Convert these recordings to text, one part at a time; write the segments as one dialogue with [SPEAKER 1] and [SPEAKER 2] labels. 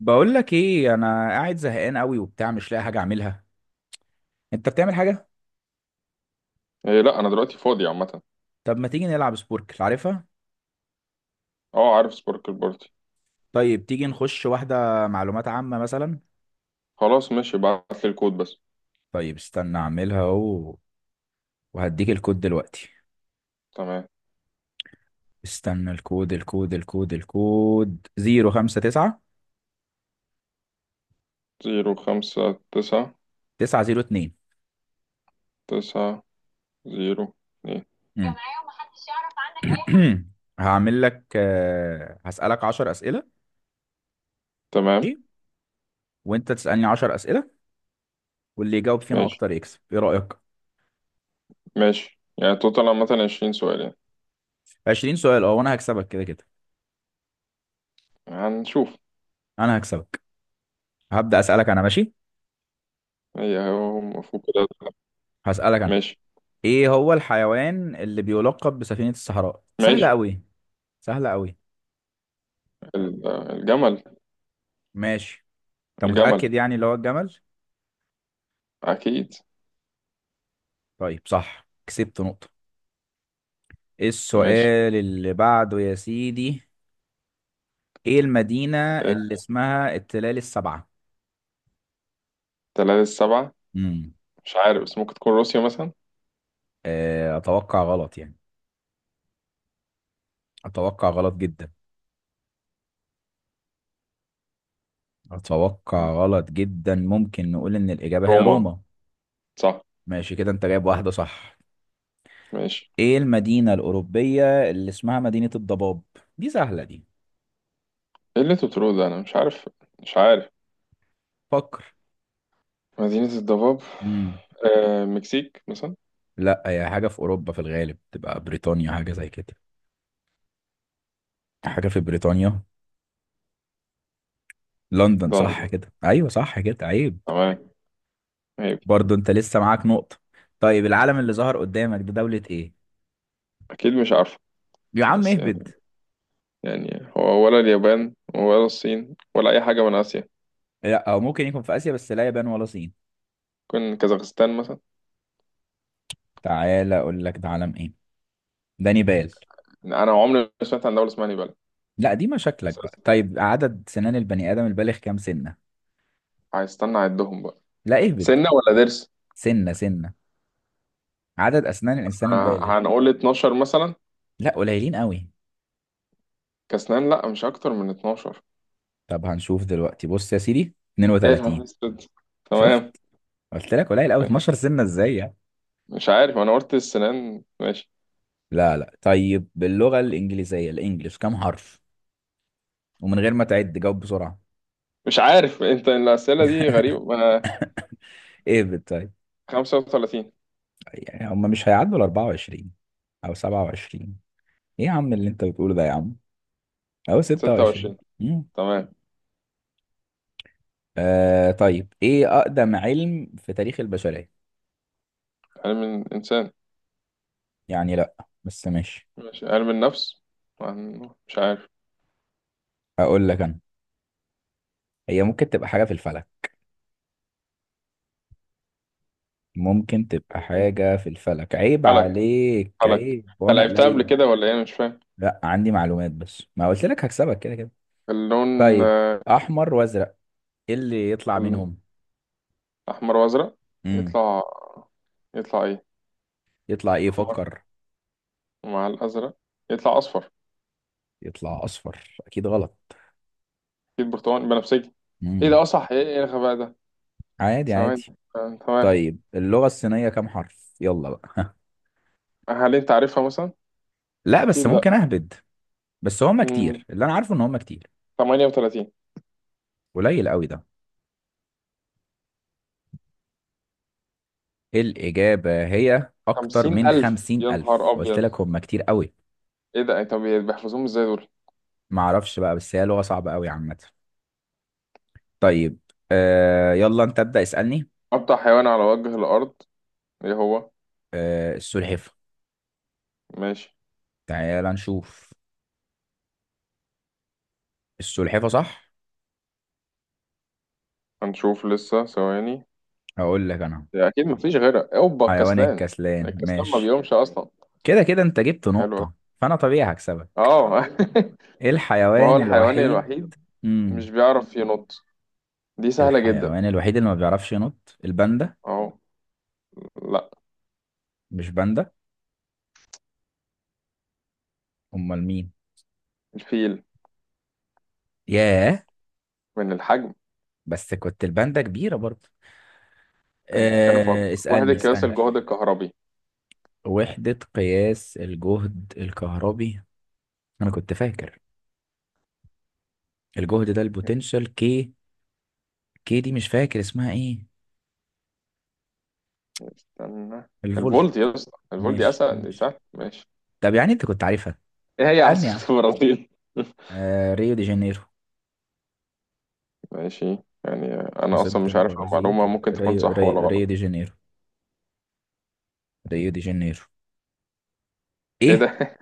[SPEAKER 1] بقول لك ايه، انا قاعد زهقان قوي وبتاع مش لاقي حاجه اعملها. انت بتعمل حاجه؟
[SPEAKER 2] إيه، لا. انا دلوقتي فاضي عامه.
[SPEAKER 1] طب ما تيجي نلعب سبوركل؟ عارفها.
[SPEAKER 2] اه، عارف سباركل بارتي.
[SPEAKER 1] طيب تيجي نخش واحده معلومات عامه مثلا؟
[SPEAKER 2] خلاص ماشي، ابعت لي الكود بس.
[SPEAKER 1] طيب استنى اعملها اهو. وهديك الكود دلوقتي.
[SPEAKER 2] تمام.
[SPEAKER 1] استنى الكود. 059.
[SPEAKER 2] زيرو، خمسة، تسعة.
[SPEAKER 1] 902.
[SPEAKER 2] تسعة. زيرو. اتنين.
[SPEAKER 1] امم هعمل لك هسألك 10 اسئله.
[SPEAKER 2] تمام.
[SPEAKER 1] ماشي. وانت تسألني 10 اسئله. واللي يجاوب فينا
[SPEAKER 2] ماشي،
[SPEAKER 1] اكتر يكسب. ايه رأيك؟
[SPEAKER 2] ماشي. يعني توتال عامة 20 سؤال يعني.
[SPEAKER 1] 20 سؤال، اه وانا هكسبك كده كده.
[SPEAKER 2] هنشوف.
[SPEAKER 1] انا هكسبك. هبدأ أسألك أنا، ماشي.
[SPEAKER 2] هو المفروض كده.
[SPEAKER 1] هسألك أنا.
[SPEAKER 2] ماشي
[SPEAKER 1] إيه هو الحيوان اللي بيلقب بسفينة الصحراء؟ سهلة
[SPEAKER 2] ماشي.
[SPEAKER 1] أوي. سهلة أوي.
[SPEAKER 2] الجمل.
[SPEAKER 1] ماشي. أنت
[SPEAKER 2] الجمل،
[SPEAKER 1] متأكد يعني اللي هو الجمل؟
[SPEAKER 2] أكيد.
[SPEAKER 1] طيب، صح، كسبت نقطة. إيه
[SPEAKER 2] ماشي.
[SPEAKER 1] السؤال اللي بعده يا سيدي؟ إيه المدينة
[SPEAKER 2] إيه،
[SPEAKER 1] اللي اسمها التلال السبعة؟
[SPEAKER 2] تلاتة السبعة.
[SPEAKER 1] امم
[SPEAKER 2] مش عارف، بس ممكن تكون روسيا مثلا.
[SPEAKER 1] أتوقع غلط يعني. أتوقع غلط جدا. أتوقع غلط جدا، ممكن نقول إن الإجابة هي
[SPEAKER 2] روما،
[SPEAKER 1] روما.
[SPEAKER 2] صح.
[SPEAKER 1] ماشي كده، أنت جايب واحدة صح.
[SPEAKER 2] ماشي.
[SPEAKER 1] إيه المدينة الأوروبية اللي اسمها مدينة الضباب؟ دي سهلة دي.
[SPEAKER 2] ايه اللي انتوا بتقولوه ده؟ انا مش عارف. مش عارف.
[SPEAKER 1] فكر.
[SPEAKER 2] مدينة الضباب.
[SPEAKER 1] مم.
[SPEAKER 2] آه، مكسيك مثلا.
[SPEAKER 1] لا، هي حاجة في أوروبا، في الغالب تبقى بريطانيا حاجة زي كده. حاجة في بريطانيا. لندن، صح
[SPEAKER 2] لندن.
[SPEAKER 1] كده، أيوة صح كده عيب.
[SPEAKER 2] تمام. هي دي.
[SPEAKER 1] برضو أنت لسه معاك نقطة. طيب العلم اللي ظهر قدامك ده دولة إيه؟
[SPEAKER 2] أكيد مش عارفة.
[SPEAKER 1] يا عم
[SPEAKER 2] بس
[SPEAKER 1] اهبد.
[SPEAKER 2] يعني، يعني هو ولا اليابان ولا الصين ولا أي حاجة من آسيا.
[SPEAKER 1] لا، أو ممكن يكون في آسيا، بس لا يابان ولا صين.
[SPEAKER 2] ممكن كازاخستان مثلا.
[SPEAKER 1] تعالى أقول لك ده علم إيه؟ ده نيبال.
[SPEAKER 2] يعني أنا عمري ما سمعت عن دولة اسمها نيبال.
[SPEAKER 1] لا دي مشاكلك بقى.
[SPEAKER 2] أساسا.
[SPEAKER 1] طيب، عدد سنان البني آدم البالغ كام سنة؟
[SPEAKER 2] هيستنى أعدهم بقى.
[SPEAKER 1] لا، اهبد.
[SPEAKER 2] سنة ولا ضرس؟
[SPEAKER 1] سنة سنة. عدد أسنان الإنسان البالغ.
[SPEAKER 2] هنقول 12 مثلا.
[SPEAKER 1] لا، قليلين قوي.
[SPEAKER 2] كأسنان، لأ، مش أكتر من 12.
[SPEAKER 1] طب هنشوف دلوقتي، بص يا سيدي،
[SPEAKER 2] يا نهار
[SPEAKER 1] 32.
[SPEAKER 2] أسود.
[SPEAKER 1] شفت؟
[SPEAKER 2] تمام.
[SPEAKER 1] قلت لك قليل قوي،
[SPEAKER 2] ماشي.
[SPEAKER 1] 12 سنة ازاي يعني.
[SPEAKER 2] مش عارف، أنا قلت السنان. ماشي.
[SPEAKER 1] لا لا، طيب باللغة الإنجليزية، الإنجليش كام حرف؟ ومن غير ما تعد جاوب بسرعة.
[SPEAKER 2] مش عارف، أنت الأسئلة دي غريبة.
[SPEAKER 1] ايه طيب.
[SPEAKER 2] 35.
[SPEAKER 1] يعني هم مش هيعدوا ال 24. أو 27. ايه يا عم اللي انت بتقوله ده يا عم؟ أو 26.
[SPEAKER 2] 26.
[SPEAKER 1] مم.
[SPEAKER 2] تمام.
[SPEAKER 1] طيب، ايه أقدم علم في تاريخ البشرية؟
[SPEAKER 2] علم الإنسان.
[SPEAKER 1] يعني لا. بس ماشي.
[SPEAKER 2] ماشي، علم النفس. مش عارف.
[SPEAKER 1] أقول لك أنا. هي ممكن تبقى حاجة في الفلك. ممكن تبقى
[SPEAKER 2] مم.
[SPEAKER 1] حاجة في الفلك، عيب
[SPEAKER 2] فلك،
[SPEAKER 1] عليك
[SPEAKER 2] فلك.
[SPEAKER 1] عيب
[SPEAKER 2] أنت
[SPEAKER 1] وأنا
[SPEAKER 2] لعبتها قبل
[SPEAKER 1] قليل.
[SPEAKER 2] كده ولا إيه؟ أنا مش فاهم.
[SPEAKER 1] لا، عندي معلومات، بس ما قلت لك هكسبك كده كده.
[SPEAKER 2] اللون. آه،
[SPEAKER 1] طيب. احمر وازرق. ايه اللي يطلع منهم؟
[SPEAKER 2] الأحمر وأزرق.
[SPEAKER 1] امم
[SPEAKER 2] يطلع يطلع إيه؟
[SPEAKER 1] يطلع ايه؟
[SPEAKER 2] أحمر
[SPEAKER 1] فكر.
[SPEAKER 2] مع الأزرق يطلع أصفر.
[SPEAKER 1] يطلع اصفر؟ اكيد غلط.
[SPEAKER 2] أكيد برتقاني، بنفسجي. إيه ده؟
[SPEAKER 1] امم
[SPEAKER 2] أصح إيه الغباء ده؟
[SPEAKER 1] عادي
[SPEAKER 2] ثواني.
[SPEAKER 1] عادي.
[SPEAKER 2] آه، تمام.
[SPEAKER 1] طيب، اللغة الصينية كام حرف؟ يلا بقى.
[SPEAKER 2] هل أنت عارفها مثلا؟
[SPEAKER 1] لا بس
[SPEAKER 2] أكيد لأ.
[SPEAKER 1] ممكن اهبد. بس هم
[SPEAKER 2] مم،
[SPEAKER 1] كتير، اللي انا عارفه ان هم كتير.
[SPEAKER 2] 38.
[SPEAKER 1] قليل قوي ده. الاجابة هي اكتر
[SPEAKER 2] خمسين
[SPEAKER 1] من
[SPEAKER 2] ألف
[SPEAKER 1] خمسين
[SPEAKER 2] يا نهار
[SPEAKER 1] الف قلت
[SPEAKER 2] أبيض.
[SPEAKER 1] لك هم كتير قوي.
[SPEAKER 2] إيه ده؟ طب بيحفظوهم إزاي دول؟
[SPEAKER 1] معرفش بقى، بس هي لغة صعبة قوي عامة. طيب. يلا انت ابدأ اسألني.
[SPEAKER 2] أبطأ حيوان على وجه الأرض، إيه هو؟
[SPEAKER 1] السلحفة.
[SPEAKER 2] ماشي.
[SPEAKER 1] تعال نشوف. السلحفة صح.
[SPEAKER 2] هنشوف لسه، ثواني.
[SPEAKER 1] هقول لك انا.
[SPEAKER 2] يا اكيد مفيش غيرها، اوبا،
[SPEAKER 1] حيوان
[SPEAKER 2] الكسلان.
[SPEAKER 1] الكسلان،
[SPEAKER 2] الكسلان ما
[SPEAKER 1] ماشي.
[SPEAKER 2] بيقومش اصلا.
[SPEAKER 1] كده كده انت جبت
[SPEAKER 2] حلو أوي.
[SPEAKER 1] نقطة. فانا طبيعي هكسبك.
[SPEAKER 2] اه.
[SPEAKER 1] ايه
[SPEAKER 2] ما هو
[SPEAKER 1] الحيوان
[SPEAKER 2] الحيوان
[SPEAKER 1] الوحيد؟
[SPEAKER 2] الوحيد؟ مش
[SPEAKER 1] امم
[SPEAKER 2] بيعرف ينط. دي سهلة جدا.
[SPEAKER 1] الحيوان الوحيد اللي ما بيعرفش ينط الباندا؟
[SPEAKER 2] اه. لا.
[SPEAKER 1] مش باندا. امال مين؟
[SPEAKER 2] الفيل.
[SPEAKER 1] ياه.
[SPEAKER 2] من الحجم.
[SPEAKER 1] بس كنت الباندا كبيرة برضه.
[SPEAKER 2] يعني بتتكلم في. واحد،
[SPEAKER 1] اسألني
[SPEAKER 2] قياس
[SPEAKER 1] اسألني.
[SPEAKER 2] الجهد الكهربي.
[SPEAKER 1] وحدة قياس الجهد الكهربي. انا كنت فاكر. الجهد ده البوتنشال، كي. كي دي مش فاكر اسمها ايه.
[SPEAKER 2] استنى.
[SPEAKER 1] الفولت.
[SPEAKER 2] الفولت يا اسطى، الفولت دي
[SPEAKER 1] ماشي
[SPEAKER 2] اسهل، دي
[SPEAKER 1] ماشي.
[SPEAKER 2] سهل. ماشي.
[SPEAKER 1] طب يعني انت كنت عارفها.
[SPEAKER 2] ايه هي
[SPEAKER 1] اسألني يا عم.
[SPEAKER 2] عاصمة البرازيل؟
[SPEAKER 1] ريو دي جانيرو.
[SPEAKER 2] ماشي. يعني انا
[SPEAKER 1] عاصمة
[SPEAKER 2] اصلا مش عارف المعلومة،
[SPEAKER 1] البرازيل
[SPEAKER 2] ممكن تكون
[SPEAKER 1] ريو
[SPEAKER 2] صح ولا
[SPEAKER 1] ريو ريو دي
[SPEAKER 2] غلط.
[SPEAKER 1] جانيرو. ريو دي جانيرو.
[SPEAKER 2] ايه ده؟
[SPEAKER 1] ايه؟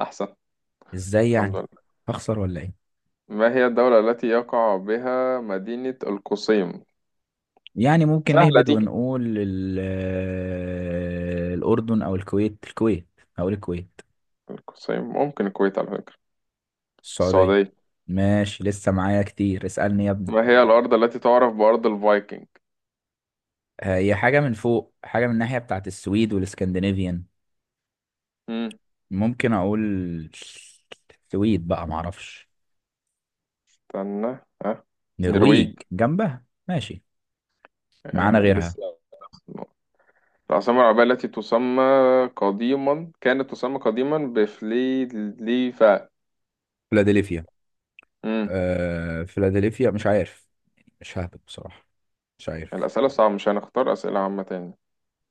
[SPEAKER 2] احسن.
[SPEAKER 1] ازاي
[SPEAKER 2] الحمد
[SPEAKER 1] يعني.
[SPEAKER 2] لله.
[SPEAKER 1] هخسر ولا ايه؟
[SPEAKER 2] ما هي الدولة التي يقع بها مدينة القصيم؟
[SPEAKER 1] يعني ممكن
[SPEAKER 2] سهلة
[SPEAKER 1] نهبد
[SPEAKER 2] دي.
[SPEAKER 1] ونقول الأردن أو الكويت، الكويت. هقول الكويت.
[SPEAKER 2] القصيم، ممكن الكويت على فكرة.
[SPEAKER 1] السعودية.
[SPEAKER 2] السعودية.
[SPEAKER 1] ماشي، لسه معايا كتير، اسألني يا ابني.
[SPEAKER 2] ما هي الأرض التي تعرف بأرض الفايكنج؟
[SPEAKER 1] هي حاجة من فوق، حاجة من الناحية بتاعت السويد والاسكندنافيان.
[SPEAKER 2] مم.
[SPEAKER 1] ممكن أقول. السويد بقى، معرفش.
[SPEAKER 2] استنى، ها.
[SPEAKER 1] نرويج
[SPEAKER 2] نرويج.
[SPEAKER 1] جنبها، ماشي. معانا
[SPEAKER 2] آه.
[SPEAKER 1] غيرها.
[SPEAKER 2] لسه. العاصمة العربية التي تسمى، قديما كانت تسمى قديما بفليفا.
[SPEAKER 1] فيلادلفيا.
[SPEAKER 2] مم.
[SPEAKER 1] فيلادلفيا، مش عارف. مش ههبط بصراحة. مش عارف.
[SPEAKER 2] الأسئلة صعبة، مش هنختار أسئلة عامة تاني؟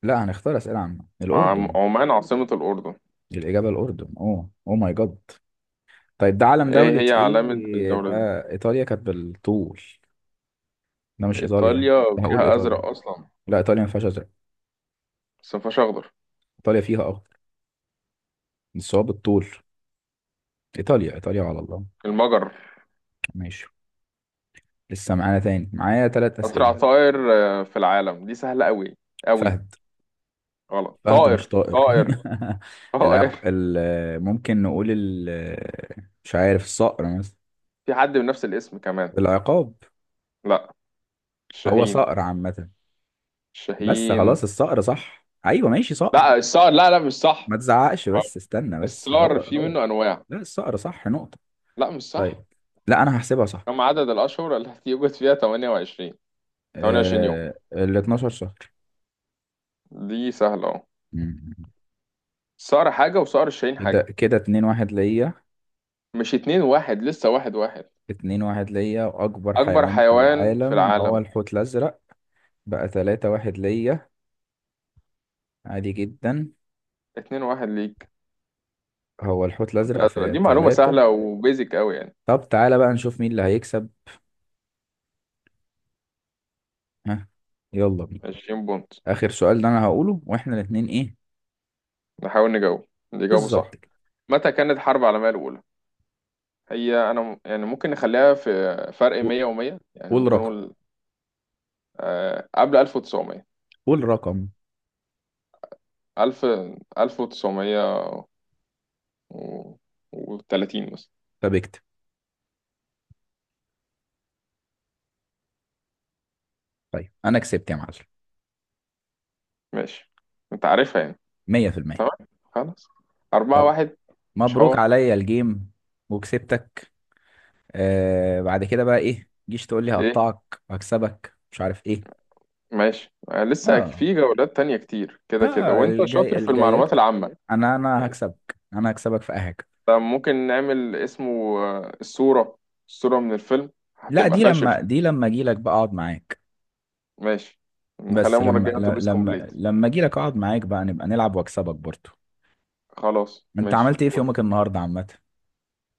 [SPEAKER 1] لا هنختار أسئلة عامة، الأردن.
[SPEAKER 2] عمان عاصمة الأردن.
[SPEAKER 1] الإجابة الأردن، أوه أوه ماي جاد. طيب ده علم
[SPEAKER 2] إيه
[SPEAKER 1] دولة
[SPEAKER 2] هي علامة
[SPEAKER 1] إيه ده؟
[SPEAKER 2] الدولة دي؟
[SPEAKER 1] إيطاليا كانت بالطول. ده مش إيطاليا.
[SPEAKER 2] إيطاليا
[SPEAKER 1] ده هقول
[SPEAKER 2] فيها
[SPEAKER 1] إيطاليا.
[SPEAKER 2] أزرق أصلا.
[SPEAKER 1] لا إيطاليا ما فيهاش أزرق.
[SPEAKER 2] بس مفيهاش أخضر.
[SPEAKER 1] إيطاليا فيها أخضر. بس هو بالطول. إيطاليا إيطاليا على الله.
[SPEAKER 2] المجر.
[SPEAKER 1] ماشي. لسه معانا تاني، معايا تلات
[SPEAKER 2] أسرع
[SPEAKER 1] أسئلة.
[SPEAKER 2] طائر في العالم، دي سهلة أوي. أوي.
[SPEAKER 1] فهد.
[SPEAKER 2] غلط،
[SPEAKER 1] فهد مش
[SPEAKER 2] طائر
[SPEAKER 1] طائر.
[SPEAKER 2] طائر. طائر،
[SPEAKER 1] العق ممكن نقول ال. مش عارف، الصقر مثلا.
[SPEAKER 2] في حد بنفس الاسم كمان.
[SPEAKER 1] العقاب.
[SPEAKER 2] لا.
[SPEAKER 1] هو
[SPEAKER 2] الشاهين.
[SPEAKER 1] صقر عامة. بس
[SPEAKER 2] الشاهين.
[SPEAKER 1] خلاص، الصقر صح، ايوه ماشي صقر.
[SPEAKER 2] لا، الصقر، لا، لا، مش صح.
[SPEAKER 1] ما تزعقش بس، استنى، بس
[SPEAKER 2] الصقر
[SPEAKER 1] هو
[SPEAKER 2] في
[SPEAKER 1] هو.
[SPEAKER 2] منه أنواع.
[SPEAKER 1] لا الصقر صح، نقطة.
[SPEAKER 2] لا، مش صح.
[SPEAKER 1] طيب. لا انا هحسبها صح.
[SPEAKER 2] كم عدد الأشهر التي يوجد فيها 28؟ 28 يوم.
[SPEAKER 1] ال 12 شهر.
[SPEAKER 2] دي سهلة أهو.
[SPEAKER 1] مم.
[SPEAKER 2] الصقر حاجة وصقر الشاهين
[SPEAKER 1] كده
[SPEAKER 2] حاجة.
[SPEAKER 1] كده، 2-1 ليا.
[SPEAKER 2] مش 2-1، لسه 1-1.
[SPEAKER 1] 2-1 ليا، واكبر
[SPEAKER 2] أكبر
[SPEAKER 1] حيوان في
[SPEAKER 2] حيوان في
[SPEAKER 1] العالم هو
[SPEAKER 2] العالم.
[SPEAKER 1] الحوت الازرق. بقى 3-1 ليا. عادي جدا.
[SPEAKER 2] 2-1 ليك.
[SPEAKER 1] هو الحوت الازرق
[SPEAKER 2] الأزرق
[SPEAKER 1] في
[SPEAKER 2] دي معلومة
[SPEAKER 1] 3.
[SPEAKER 2] سهلة وبيزك أوي يعني.
[SPEAKER 1] طب تعالى بقى نشوف مين اللي هيكسب. ها. يلا بينا.
[SPEAKER 2] 20 بونت.
[SPEAKER 1] اخر سؤال ده انا هقوله واحنا الاثنين، ايه.
[SPEAKER 2] نحاول نجاوب، اللي يجاوبه صح.
[SPEAKER 1] بالظبط كده.
[SPEAKER 2] متى كانت الحرب العالمية الأولى؟ هي أنا يعني ممكن نخليها في فرق
[SPEAKER 1] قو-
[SPEAKER 2] 100 و100. يعني
[SPEAKER 1] قول
[SPEAKER 2] ممكن
[SPEAKER 1] رقم.
[SPEAKER 2] نقول قبل 1900.
[SPEAKER 1] قول رقم.
[SPEAKER 2] 1000. 1930 مثلا.
[SPEAKER 1] طب اكتب. طيب انا كسبت يا معلم.
[SPEAKER 2] ماشي، أنت عارفها يعني.
[SPEAKER 1] 100%.
[SPEAKER 2] تمام. خلاص. 4
[SPEAKER 1] يلا.
[SPEAKER 2] 1 مش
[SPEAKER 1] مبروك
[SPEAKER 2] حوار.
[SPEAKER 1] عليا الجيم. وكسبتك. بعد كده بقى ايه، جيش تقول لي
[SPEAKER 2] إيه؟
[SPEAKER 1] هقطعك هكسبك مش عارف ايه.
[SPEAKER 2] ماشي. لسه
[SPEAKER 1] اه.
[SPEAKER 2] في جولات تانية كتير كده كده،
[SPEAKER 1] ها
[SPEAKER 2] وأنت
[SPEAKER 1] الجاي
[SPEAKER 2] شاطر في
[SPEAKER 1] الجايات
[SPEAKER 2] المعلومات
[SPEAKER 1] كده.
[SPEAKER 2] العامة.
[SPEAKER 1] انا
[SPEAKER 2] ماشي.
[SPEAKER 1] هكسبك، انا هكسبك في اي حاجه.
[SPEAKER 2] طب ممكن نعمل اسمه الصورة، الصورة من الفيلم.
[SPEAKER 1] لا
[SPEAKER 2] هتبقى
[SPEAKER 1] دي
[SPEAKER 2] فاشل.
[SPEAKER 1] لما دي لما اجي لك بقى اقعد معاك.
[SPEAKER 2] ماشي. نخليها
[SPEAKER 1] بس لما
[SPEAKER 2] مرجعة
[SPEAKER 1] ل-
[SPEAKER 2] اتوبيس
[SPEAKER 1] لما
[SPEAKER 2] كومبليت.
[SPEAKER 1] لما اجي لك اقعد معاك بقى نبقى نلعب واكسبك برضه.
[SPEAKER 2] خلاص
[SPEAKER 1] انت
[SPEAKER 2] ماشي،
[SPEAKER 1] عملت ايه في
[SPEAKER 2] فل.
[SPEAKER 1] يومك النهارده عامه؟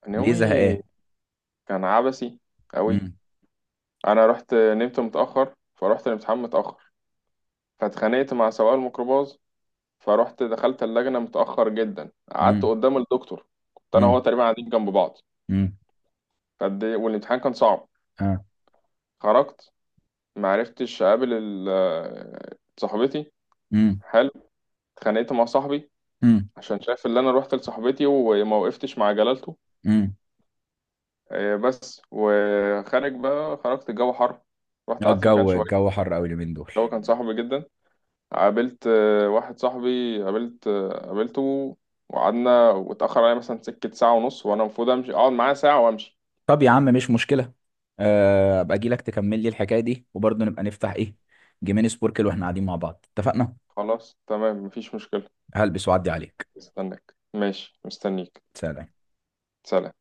[SPEAKER 2] أنا
[SPEAKER 1] ليه
[SPEAKER 2] يومي
[SPEAKER 1] زهقان؟
[SPEAKER 2] كان عبثي قوي.
[SPEAKER 1] امم.
[SPEAKER 2] انا رحت نمت متأخر، فرحت الامتحان متأخر. فاتخانقت مع سواق الميكروباص. فرحت دخلت اللجنة متأخر جدا، قعدت
[SPEAKER 1] امم.
[SPEAKER 2] قدام الدكتور. كنت انا وهو
[SPEAKER 1] امم.
[SPEAKER 2] تقريبا قاعدين جنب بعض.
[SPEAKER 1] امم.
[SPEAKER 2] والامتحان كان صعب.
[SPEAKER 1] اه.
[SPEAKER 2] خرجت. معرفتش اقابل صاحبتي.
[SPEAKER 1] امم.
[SPEAKER 2] حلو. اتخانقت مع صاحبي،
[SPEAKER 1] امم.
[SPEAKER 2] عشان شايف اللي انا رحت لصاحبتي وما وقفتش مع جلالته.
[SPEAKER 1] امم.
[SPEAKER 2] بس، وخارج بقى، خرجت الجو حر. رحت قعدت في مكان
[SPEAKER 1] الجو
[SPEAKER 2] شوية.
[SPEAKER 1] الجو حر قوي اليومين دول.
[SPEAKER 2] الجو كان صاحبي جدا. قابلت واحد صاحبي، قابلته. وقعدنا واتأخر عليا مثلا سكة، ساعة ونص، وأنا المفروض أمشي أقعد معاه ساعة وأمشي.
[SPEAKER 1] طب يا عم مش مشكله. ابقى اجي لك تكمل لي الحكايه دي، وبرضه نبقى نفتح ايه. جيمين سبوركل واحنا قاعدين مع بعض، اتفقنا.
[SPEAKER 2] خلاص تمام، مفيش مشكلة.
[SPEAKER 1] هلبس واعدي عليك.
[SPEAKER 2] مستناك، ماشي مستنيك.
[SPEAKER 1] سلام.
[SPEAKER 2] سلام.